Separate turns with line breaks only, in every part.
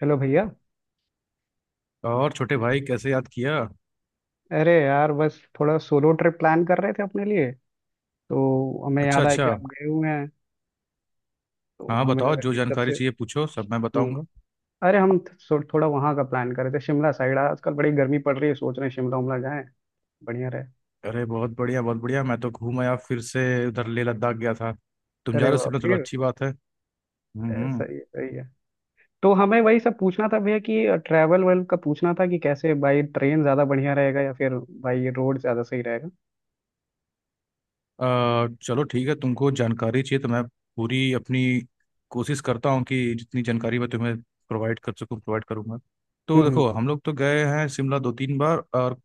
चलो भैया।
और छोटे भाई कैसे याद किया?
अरे यार, बस थोड़ा सोलो ट्रिप प्लान कर रहे थे अपने लिए, तो हमें
अच्छा
याद आया
अच्छा।
कि आप गए हुए हैं। तो
हाँ
हमें
बताओ,
लगा
जो
कि
जानकारी
सबसे...
चाहिए पूछो, सब मैं
हम्म।
बताऊंगा।
अरे, हम थोड़ा वहाँ का प्लान कर रहे थे, शिमला साइड। आजकल बड़ी गर्मी पड़ रही है, सोच रहे हैं शिमला उमला जाएं, बढ़िया रहे।
अरे बहुत बढ़िया बहुत बढ़िया, मैं तो घूम आया फिर से। उधर लेह लद्दाख गया था। तुम जा
अरे
रहे हो
वाह,
शिमला, चलो
फिर
अच्छी बात है। हम्म
ए,
हम्म।
सही है सही है। तो हमें वही सब पूछना था भैया कि ट्रैवल वेल का पूछना था कि कैसे बाई ट्रेन ज़्यादा बढ़िया रहेगा या फिर बाई रोड ज़्यादा सही रहेगा।
चलो ठीक है, तुमको जानकारी चाहिए तो मैं पूरी अपनी कोशिश करता हूँ कि जितनी जानकारी मैं तुम्हें प्रोवाइड कर सकूँ प्रोवाइड करूँगा।
हम्म
तो
हम्म,
देखो, हम लोग तो गए हैं शिमला दो तीन बार, और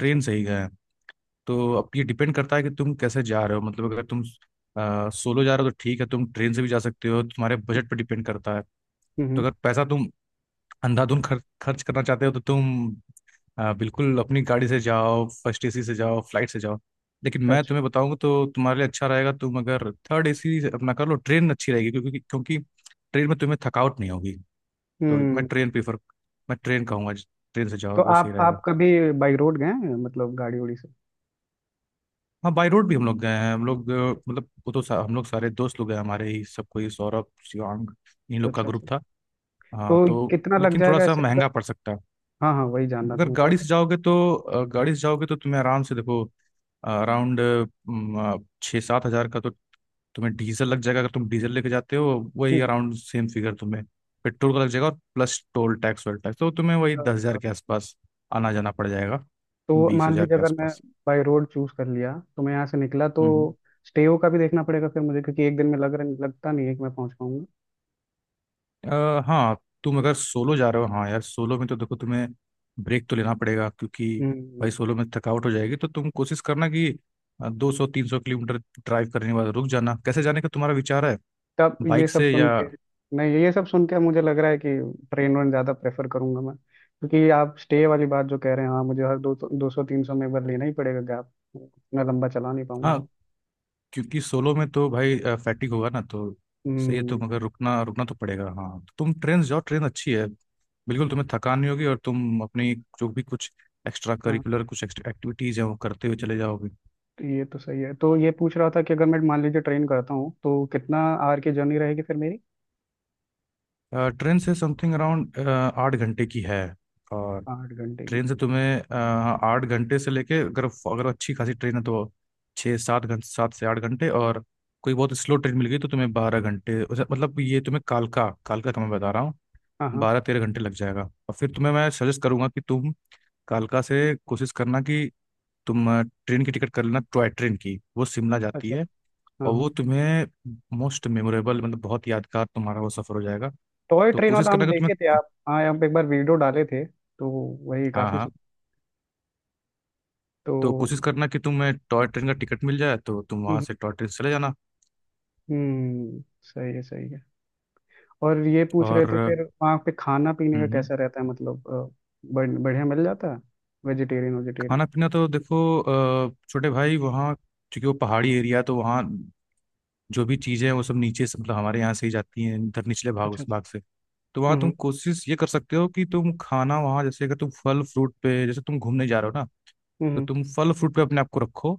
अच्छा।
से ही गए हैं। तो अब ये डिपेंड करता है कि तुम कैसे जा रहे हो, मतलब अगर तुम सोलो जा रहे हो तो ठीक है, तुम ट्रेन से भी जा सकते हो, तुम्हारे बजट पर डिपेंड करता है।
हम्म हम्म,
तो अगर पैसा तुम अंधाधुन खर्च खर्च करना चाहते हो तो तुम बिल्कुल अपनी गाड़ी से जाओ, फर्स्ट एसी से जाओ, फ्लाइट से जाओ। लेकिन मैं
अच्छा।
तुम्हें बताऊंगा तो तुम्हारे लिए अच्छा रहेगा, तुम अगर थर्ड एसी से अपना कर लो ट्रेन अच्छी रहेगी, क्योंकि क्योंकि ट्रेन में तुम्हें थकावट नहीं होगी। तो
हम्म।
मैं ट्रेन कहूँगा, ट्रेन से जाओ
तो
वो सही
आप
रहेगा।
कभी बाई रोड गए हैं, मतलब गाड़ी उड़ी से?
हाँ बाई रोड भी हम लोग गए हैं, हम लोग मतलब वो तो हम लोग सारे दोस्त लोग हैं, हमारे ही सब, कोई सौरभ, शिवांग, इन लोग का
अच्छा
ग्रुप
अच्छा।
था।
तो
हाँ तो
कितना लग
लेकिन थोड़ा
जाएगा
सा
ऐसे अगर...
महंगा पड़ सकता है।
हाँ हाँ, वही जानना था
अगर
मुझे
गाड़ी
अगर...
से जाओगे तो गाड़ी से जाओगे तो तुम्हें आराम से देखो, अराउंड 6-7 हज़ार का तो तुम्हें डीजल लग जाएगा, अगर तुम डीजल लेके जाते हो। वही
हम्म,
अराउंड सेम फिगर तुम्हें पेट्रोल का लग जाएगा, और प्लस टोल टैक्स वोल टैक्स तो तुम्हें वही दस
अ,
हज़ार के आसपास आना जाना पड़ जाएगा,
तो
बीस
मान
हज़ार
लीजिए
के
अगर मैं
आसपास।
बाई रोड चूज कर लिया तो मैं यहाँ से निकला तो
हम्म।
स्टेओ का भी देखना पड़ेगा फिर मुझे, क्योंकि एक दिन में लग रहा लगता नहीं है कि मैं पहुँच पाऊंगा।
हाँ, तुम अगर सोलो जा रहे हो, हाँ यार सोलो में तो देखो, तुम्हें ब्रेक तो लेना पड़ेगा, क्योंकि
हम्म।
भाई सोलो में थकावट हो जाएगी। तो तुम कोशिश करना कि 200-300 किलोमीटर ड्राइव करने के बाद रुक जाना। कैसे जाने का तुम्हारा विचार है,
तब ये
बाइक
सब
से
सुन
या?
के... नहीं, ये सब सुन के मुझे लग रहा है कि ट्रेन वन ज़्यादा प्रेफर करूंगा मैं, क्योंकि आप स्टे वाली बात जो कह रहे हैं, हाँ मुझे हर दो 200 300 में एक बार लेना ही पड़ेगा गैप, इतना लंबा चला नहीं
हाँ
पाऊंगा।
क्योंकि सोलो में तो भाई फैटिक होगा ना, तो सही है।
हम्म।
तुम अगर रुकना रुकना तो पड़ेगा, हाँ तो तुम ट्रेन से जाओ, ट्रेन अच्छी है, बिल्कुल तुम्हें थकान नहीं होगी, और तुम अपनी जो भी कुछ एक्स्ट्रा
हाँ।
करिकुलर कुछ एक्टिविटीज हैं वो करते हुए चले जाओगे।
तो ये तो सही है। तो ये पूछ रहा था कि अगर मैं मान लीजिए ट्रेन करता हूँ तो कितना आर की जर्नी रहेगी फिर मेरी?
ट्रेन से समथिंग अराउंड 8 घंटे की है। और
8 घंटे की?
ट्रेन से तुम्हें 8 घंटे से लेके, अगर अगर अच्छी खासी ट्रेन है तो 6-7 घंटे, 7 से 8 घंटे। और कोई बहुत स्लो ट्रेन मिल गई तो तुम्हें 12 घंटे मतलब ये तुम्हें कालका, कालका का मैं बता रहा हूँ,
हाँ हाँ।
12-13 घंटे लग जाएगा। और फिर तुम्हें मैं सजेस्ट करूंगा कि तुम कालका से कोशिश करना कि तुम ट्रेन की टिकट कर लेना, टॉय ट्रेन की, वो शिमला जाती
अच्छा।
है।
हाँ
और
हाँ।
वो तुम्हें मोस्ट मेमोरेबल, मतलब बहुत यादगार तुम्हारा वो सफर हो जाएगा।
टॉय
तो
ट्रेन
कोशिश
वाला हम
करना कि
देखे थे
तुम्हें,
आप, हाँ हम एक बार वीडियो डाले थे। तो वही
हाँ
काफी
हाँ,
तो...
तो कोशिश करना कि तुम्हें टॉय ट्रेन का टिकट मिल जाए तो तुम वहाँ
हम्म
से टॉय ट्रेन से चले जाना।
सही है सही है। और ये पूछ
और
रहे थे फिर वहाँ पे खाना पीने का
हम्म,
कैसा रहता है, मतलब बढ़िया मिल जाता है? Vegetarian vegetarian?
खाना पीना तो देखो छोटे भाई, वहाँ चूंकि वो पहाड़ी एरिया तो वहाँ जो भी चीज़ें हैं वो सब नीचे से, मतलब हमारे यहाँ से ही जाती हैं, इधर निचले भाग
अच्छा
उस
अच्छा।
भाग से। तो वहाँ
हम्म
तुम कोशिश ये कर सकते हो कि तुम खाना वहाँ जैसे, अगर तुम फल फ्रूट पे, जैसे तुम घूमने जा रहे हो ना,
हम्म।
तो तुम फल फ्रूट पे अपने आप को रखो।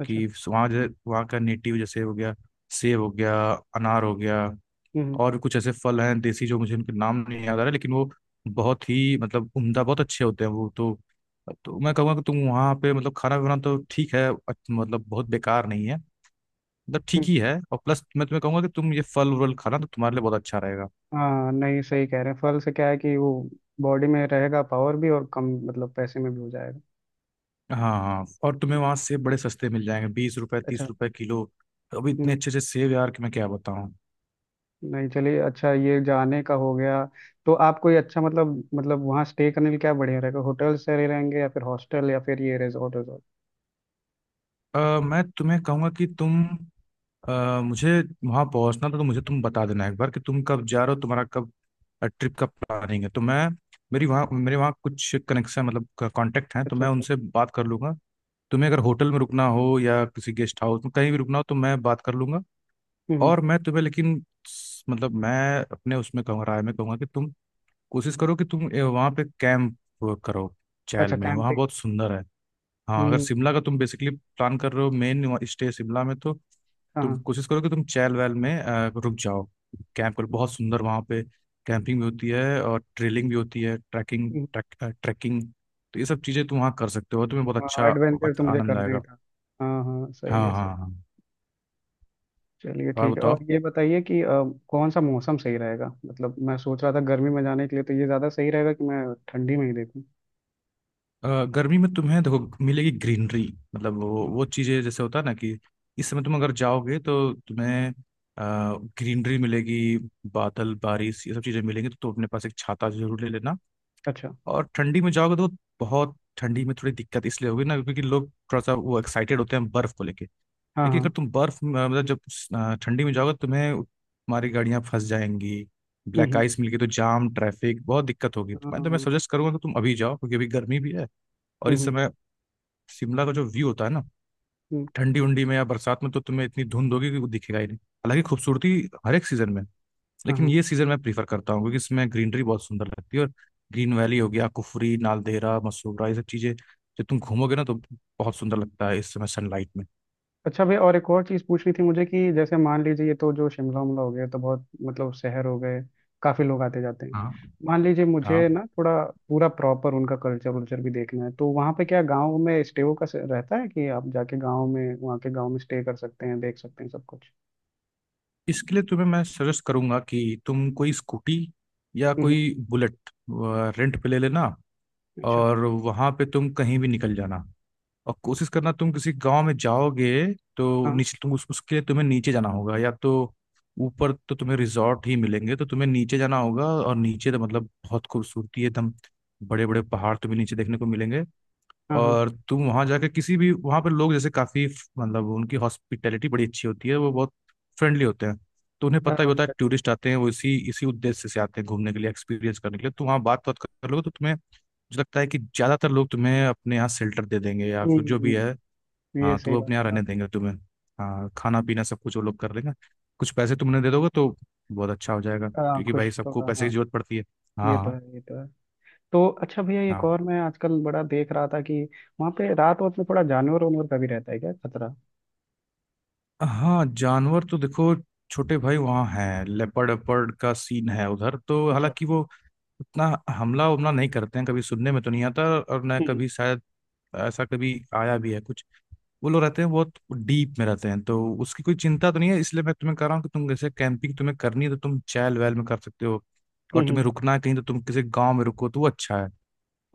अच्छा।
वहाँ जो वहाँ का नेटिव जैसे हो गया, सेब हो गया, अनार हो गया,
हम्म
और भी कुछ ऐसे फल हैं देसी जो मुझे उनके नाम नहीं याद आ रहा, लेकिन वो बहुत ही मतलब उम्दा, बहुत अच्छे होते हैं वो। तो मैं कहूँगा कि तुम वहाँ पे, मतलब खाना बनाना तो ठीक है, मतलब बहुत बेकार नहीं है, मतलब ठीक
हम्म।
ही है, और प्लस मैं तुम्हें कहूँगा कि तुम ये फल वल खाना, तो तुम्हारे लिए बहुत अच्छा रहेगा।
हाँ, नहीं सही कह रहे हैं। फल से क्या है कि वो बॉडी में रहेगा पावर भी और कम मतलब पैसे में भी हो जाएगा।
हाँ हाँ, और तुम्हें वहाँ सेब बड़े सस्ते मिल जाएंगे, बीस रुपए तीस
अच्छा।
रुपए किलो। अभी इतने
हम्म,
अच्छे अच्छे सेब यार कि मैं क्या बताऊँ।
नहीं चलिए, अच्छा ये जाने का हो गया। तो आप कोई अच्छा मतलब वहाँ स्टे करने के लिए क्या बढ़िया रहेगा, होटल से रह रहेंगे या फिर हॉस्टल या फिर ये रिजॉर्ट रिजॉर्ट?
अ, मैं तुम्हें कहूँगा कि तुम अ, मुझे वहां पहुंचना था तो मुझे तुम बता देना एक बार कि तुम कब जा रहे हो, तुम्हारा कब ट्रिप का प्लानिंग है, तो मैं मेरी वहाँ मेरे वहाँ कुछ कनेक्शन, मतलब कांटेक्ट हैं तो
अच्छा
मैं
अच्छा।
उनसे बात कर लूंगा। तुम्हें अगर होटल में रुकना हो या किसी गेस्ट हाउस में कहीं भी रुकना हो तो मैं बात कर लूंगा।
हम्म हम्म,
और मैं तुम्हें, लेकिन मतलब मैं अपने उसमें कहूँगा राय में कहूँगा कि तुम कोशिश करो कि तुम वहाँ पे कैंप करो, चैल
अच्छा
में, वहाँ
कैंपिंग।
बहुत सुंदर है। हाँ, अगर
हम्म
शिमला का तुम बेसिकली प्लान कर रहे हो, मेन स्टे शिमला में, तो तुम
हाँ।
कोशिश करो कि तुम चैल वैल में रुक जाओ, कैंप करो, बहुत सुंदर वहाँ पे। कैंपिंग भी होती है, और ट्रेलिंग भी होती है, ट्रैकिंग, ट्रैकिंग। तो ये सब चीज़ें तुम वहाँ कर सकते हो, तुम्हें बहुत
हाँ
अच्छा,
एडवेंचर तो
अच्छा
मुझे
आनंद
करना ही
आएगा।
था। हाँ हाँ
हाँ
सही है
हाँ
सही।
हाँ हाँ।
चलिए
और
ठीक है।
बताओ,
और ये बताइए कि कौन सा मौसम सही रहेगा, मतलब मैं सोच रहा था गर्मी में जाने के लिए तो ये ज़्यादा सही रहेगा कि मैं ठंडी में ही देखूँ?
गर्मी में तुम्हें देखो मिलेगी ग्रीनरी, मतलब वो
हम्म,
वो चीज़ें जैसे होता है ना कि, इस समय तुम अगर जाओगे तो तुम्हें ग्रीनरी मिलेगी, बादल बारिश ये सब चीज़ें मिलेंगी, तो तुम अपने पास एक छाता जरूर ले लेना।
अच्छा।
और ठंडी में जाओगे तो बहुत ठंडी में थोड़ी दिक्कत इसलिए होगी ना, क्योंकि लोग थोड़ा सा वो एक्साइटेड होते हैं बर्फ को लेके।
हाँ
लेकिन अगर
हाँ।
तुम बर्फ मतलब जब ठंडी में जाओगे तो तुम्हें तुम्हारी गाड़ियां फंस जाएंगी,
हम्म।
ब्लैक आइस मिल गई तो जाम ट्रैफिक, बहुत दिक्कत होगी। तो
हाँ,
मैं
हम्म।
सजेस्ट करूंगा कि तुम अभी जाओ, क्योंकि अभी गर्मी भी है, और इस
हम्म,
समय शिमला का जो व्यू होता है ना,
हम्म,
ठंडी उंडी में या बरसात में तो तुम्हें इतनी धुंध होगी कि वो दिखेगा ही नहीं। हालांकि खूबसूरती हर एक सीजन में है।
हाँ
लेकिन
हाँ।
ये सीजन मैं प्रीफर करता हूँ, क्योंकि इसमें ग्रीनरी बहुत सुंदर लगती है, और ग्रीन वैली हो गया, कुफरी, नालदेहरा, मसूबरा, ये सब चीजें जब तुम घूमोगे ना तो बहुत सुंदर लगता है इस समय सनलाइट में।
अच्छा भैया, और एक और चीज़ पूछनी थी मुझे कि जैसे मान लीजिए ये तो जो शिमला उमला हो गया तो बहुत मतलब शहर हो गए, काफ़ी लोग आते जाते हैं।
हाँ
मान लीजिए
हाँ,
मुझे ना थोड़ा पूरा प्रॉपर उनका कल्चर वल्चर भी देखना है, तो वहाँ पे क्या गाँव में स्टे का रहता है कि आप जाके गाँव में, वहाँ के गाँव में स्टे कर सकते हैं, देख सकते हैं सब कुछ?
इसके लिए तुम्हें मैं सजेस्ट करूंगा कि तुम कोई स्कूटी या
हम्म,
कोई बुलेट रेंट पे ले लेना,
अच्छा।
और वहां पे तुम कहीं भी निकल जाना। और कोशिश करना, तुम किसी गांव में जाओगे तो
हाँ
नीचे, तुम उसके लिए तुम्हें नीचे जाना होगा, या तो ऊपर तो तुम्हें रिजॉर्ट ही मिलेंगे, तो तुम्हें नीचे जाना होगा, और नीचे तो मतलब बहुत खूबसूरती है एकदम। बड़े बड़े पहाड़ तुम्हें नीचे देखने को मिलेंगे।
हाँ हाँ।
और तुम वहां जाके किसी भी, वहां पर लोग जैसे काफी मतलब उनकी हॉस्पिटैलिटी बड़ी अच्छी होती है, वो बहुत फ्रेंडली होते हैं। तो उन्हें
अ,
पता ही होता है
अच्छा,
टूरिस्ट आते हैं, वो इसी इसी उद्देश्य से आते हैं, घूमने के लिए, एक्सपीरियंस करने के लिए, तो वहाँ बात बात कर लोगे तो तुम्हें, मुझे लगता है कि ज्यादातर लोग तुम्हें अपने यहाँ शेल्टर दे देंगे, या फिर जो
हम्म,
भी है।
ये
हाँ तो
सही
वो अपने
बात
यहाँ
है
रहने
आप।
देंगे तुम्हें, हाँ, खाना पीना सब कुछ वो लोग कर लेंगे, कुछ पैसे तुमने दे दोगे तो बहुत अच्छा हो जाएगा,
अ,
क्योंकि
खुश
भाई सबको
थोड़ा,
पैसे की
हाँ।
जरूरत पड़ती है।
ये तो
हाँ
है ये तो है। तो अच्छा भैया, एक
हाँ।
और मैं आजकल बड़ा देख रहा था कि वहाँ पे रात वक्त में थोड़ा जानवर वानवर का भी रहता है क्या खतरा?
हाँ, जानवर तो देखो, छोटे भाई, वहाँ हैं लेपर्ड वेपर्ड का सीन है उधर, तो
अच्छा अच्छा।
हालांकि वो उतना हमला उमला नहीं करते हैं, कभी सुनने में तो नहीं आता और न
हम्म
कभी शायद ऐसा कभी आया भी है कुछ। वो लोग रहते हैं, बहुत डीप में रहते हैं, तो उसकी कोई चिंता तो नहीं है। इसलिए मैं तुम्हें कह रहा हूँ कि तुम जैसे कैंपिंग तुम्हें करनी है तो तुम चैल वैल में कर सकते हो, और तुम्हें
हम्म।
रुकना है कहीं तो तुम किसी गांव में रुको तो वो अच्छा है।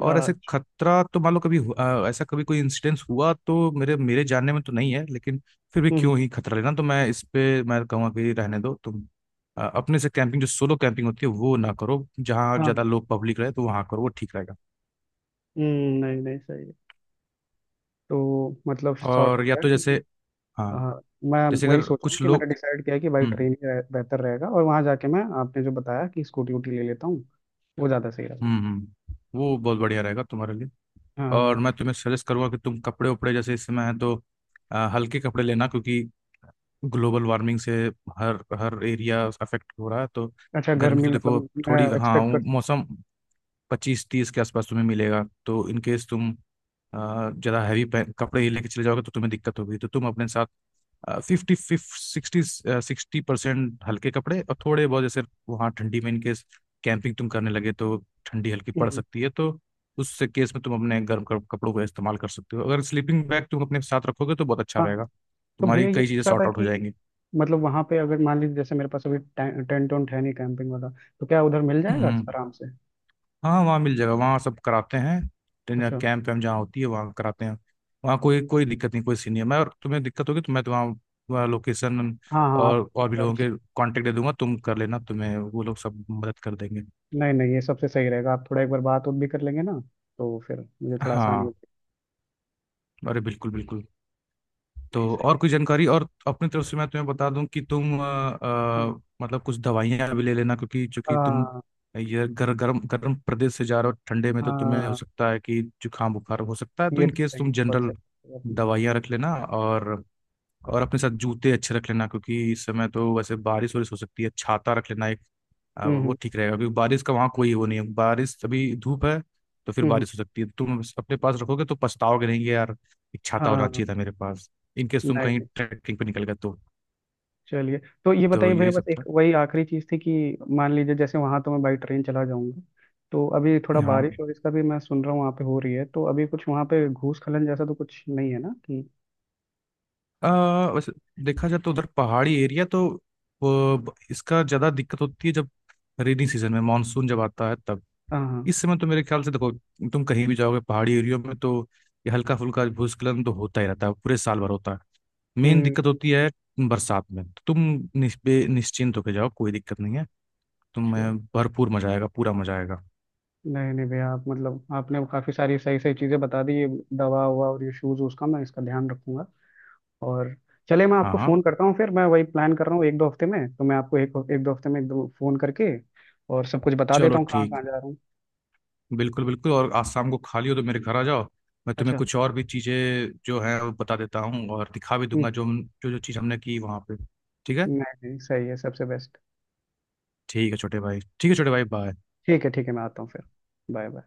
और ऐसे
अच्छा।
खतरा तो मान लो कभी ऐसा कभी कोई इंसिडेंस हुआ तो मेरे मेरे जानने में तो नहीं है, लेकिन फिर भी
हम्म।
क्यों ही खतरा लेना। तो मैं इस पे मैं कहूँगा कि रहने दो तुम अपने से कैंपिंग, जो सोलो कैंपिंग होती है वो ना करो, जहाँ
हाँ
ज़्यादा
हाँ,
लोग पब्लिक रहे तो वहाँ करो, वो ठीक रहेगा।
हम्म, नहीं नहीं सही है। तो मतलब शॉर्ट हो
और या
गया
तो जैसे,
कि
हाँ,
हाँ, मैं
जैसे
वही
अगर
सोचा हूँ
कुछ
कि मैंने
लोग,
डिसाइड किया है कि भाई
हम्म
ट्रेन ही बेहतर रहेगा, और वहाँ जाके मैं आपने जो बताया कि स्कूटी वूटी ले लेता हूँ, वो ज़्यादा सही रहेगा।
हम्म हम्म, वो बहुत बढ़िया रहेगा तुम्हारे लिए।
हाँ
और
हाँ।
मैं तुम्हें सजेस्ट करूंगा कि तुम कपड़े उपड़े जैसे इस समय है तो हल्के कपड़े लेना, क्योंकि ग्लोबल वार्मिंग से हर हर एरिया अफेक्ट हो रहा है। तो
अच्छा
गर्मी
गर्मी
तो देखो
मतलब, मैं
थोड़ी हाँ
एक्सपेक्ट
वो
कर
मौसम 25-30 के आसपास तुम्हें मिलेगा, तो इन केस तुम ज़्यादा हैवी कपड़े ही लेके चले जाओगे तो तुम्हें दिक्कत होगी। तो तुम अपने साथ fifty fifty sixty sixty percent हल्के कपड़े, और थोड़े बहुत जैसे, वहाँ ठंडी में इनके कैंपिंग तुम करने लगे तो ठंडी हल्की
सकती
पड़
हूँ?
सकती है। तो उस केस में तुम अपने गर्म कपड़ों का इस्तेमाल कर सकते हो, अगर स्लीपिंग बैग तुम अपने साथ रखोगे तो बहुत अच्छा
हाँ हाँ।
रहेगा,
तो भैया
तुम्हारी
ये
कई चीज़ें
पूछ रहा
सॉर्ट
था
आउट हो
कि
जाएंगी।
मतलब वहाँ पे अगर मान लीजिए जैसे मेरे पास अभी टेंट वेंट है नहीं कैंपिंग वाला, तो क्या उधर मिल जाएगा
हम्म।
आराम से?
हाँ वहाँ मिल जाएगा, वहाँ सब कराते हैं, ट्रेनिंग
अच्छा।
कैंप वैम्प जहाँ होती है वहाँ कराते हैं। वहाँ कोई कोई दिक्कत नहीं, कोई सीन नहीं है, मैं और तुम्हें दिक्कत होगी तो मैं तो वहाँ, वहाँ लोकेशन
हाँ हाँ, आप
और
एक
और भी
बार...
लोगों के कांटेक्ट दे दूंगा, तुम कर लेना, तुम्हें वो लोग सब मदद कर देंगे।
नहीं नहीं ये सबसे सही रहेगा, आप थोड़ा एक बार बात उत भी कर लेंगे ना, तो फिर मुझे थोड़ा आसानी
हाँ,
हो जाएगी।
अरे बिल्कुल बिल्कुल।
नहीं
तो
सही
और कोई
है।
जानकारी और अपनी तरफ से मैं तुम्हें बता दूं कि तुम
हाँ।
मतलब कुछ दवाइयां भी ले लेना, क्योंकि चूंकि तुम
हाँ।
ये गर्म गर्म प्रदेश से जा रहे हो ठंडे में तो तुम्हें हो
हाँ
सकता है कि जुकाम बुखार हो सकता है, तो
ये
इन
तो
केस
सही
तुम
बहुत
जनरल
सही कहा आपने।
दवाइयां रख लेना। और अपने साथ जूते अच्छे रख लेना, क्योंकि इस समय तो वैसे बारिश वारिश हो सकती है, छाता रख लेना। अब वो
हम्म
ठीक रहेगा, अभी बारिश का वहाँ कोई वो नहीं है, बारिश अभी धूप है, तो फिर
हम्म।
बारिश हो सकती है, तुम अपने पास रखोगे तो पछताओगे नहीं कि यार एक छाता होना
हाँ,
चाहिए था मेरे पास। इनकेस तुम कहीं
नहीं
ट्रैकिंग पे निकल गए तो।
चलिए। तो ये
तो
बताइए भैया,
यही
बस
सब
एक
था।
वही आखिरी चीज़ थी कि मान लीजिए जैसे वहाँ तो मैं बाई ट्रेन चला जाऊंगा, तो अभी थोड़ा
हाँ,
बारिश और इसका भी मैं सुन रहा हूँ वहाँ पे हो रही है, तो अभी कुछ वहाँ पे घूस खलन जैसा तो कुछ नहीं है ना कि?
वैसे देखा जाए तो उधर पहाड़ी एरिया तो इसका ज़्यादा दिक्कत होती है, जब रेनी सीजन में मानसून जब आता है तब।
हाँ हाँ।
इस समय तो मेरे ख्याल से देखो, तुम कहीं भी जाओगे पहाड़ी एरियो में, तो ये हल्का फुल्का भूस्खलन तो होता ही रहता है, पूरे साल भर होता है। मेन
हम्म।
दिक्कत होती है बरसात में, तो तुम निस्पे निश्चिंत होके जाओ, कोई दिक्कत नहीं है,
चलिए।
तुम्हें भरपूर मजा आएगा, पूरा मजा आएगा।
नहीं नहीं भैया, आप मतलब आपने काफ़ी सारी सही सही चीज़ें बता दी, ये दवा हुआ और ये शूज़, उसका मैं इसका ध्यान रखूंगा। और चलिए, मैं
हाँ
आपको
हाँ,
फ़ोन करता हूँ फिर, मैं वही प्लान कर रहा हूँ एक दो हफ्ते में, तो मैं आपको एक एक दो हफ्ते में एक दो फ़ोन करके और सब कुछ बता देता
चलो
हूँ कहाँ कहाँ
ठीक,
जा रहा हूँ।
बिल्कुल बिल्कुल। और आज शाम को खाली हो तो मेरे घर आ जाओ, मैं तुम्हें
अच्छा।
कुछ और भी चीज़ें जो है वो बता देता हूँ, और दिखा भी दूंगा जो जो जो चीज़ हमने की वहाँ पे। ठीक है,
नहीं नहीं सही है, सबसे बेस्ट।
ठीक है छोटे भाई, ठीक है छोटे भाई, बाय।
ठीक है ठीक है, मैं आता हूँ फिर। Bye bye.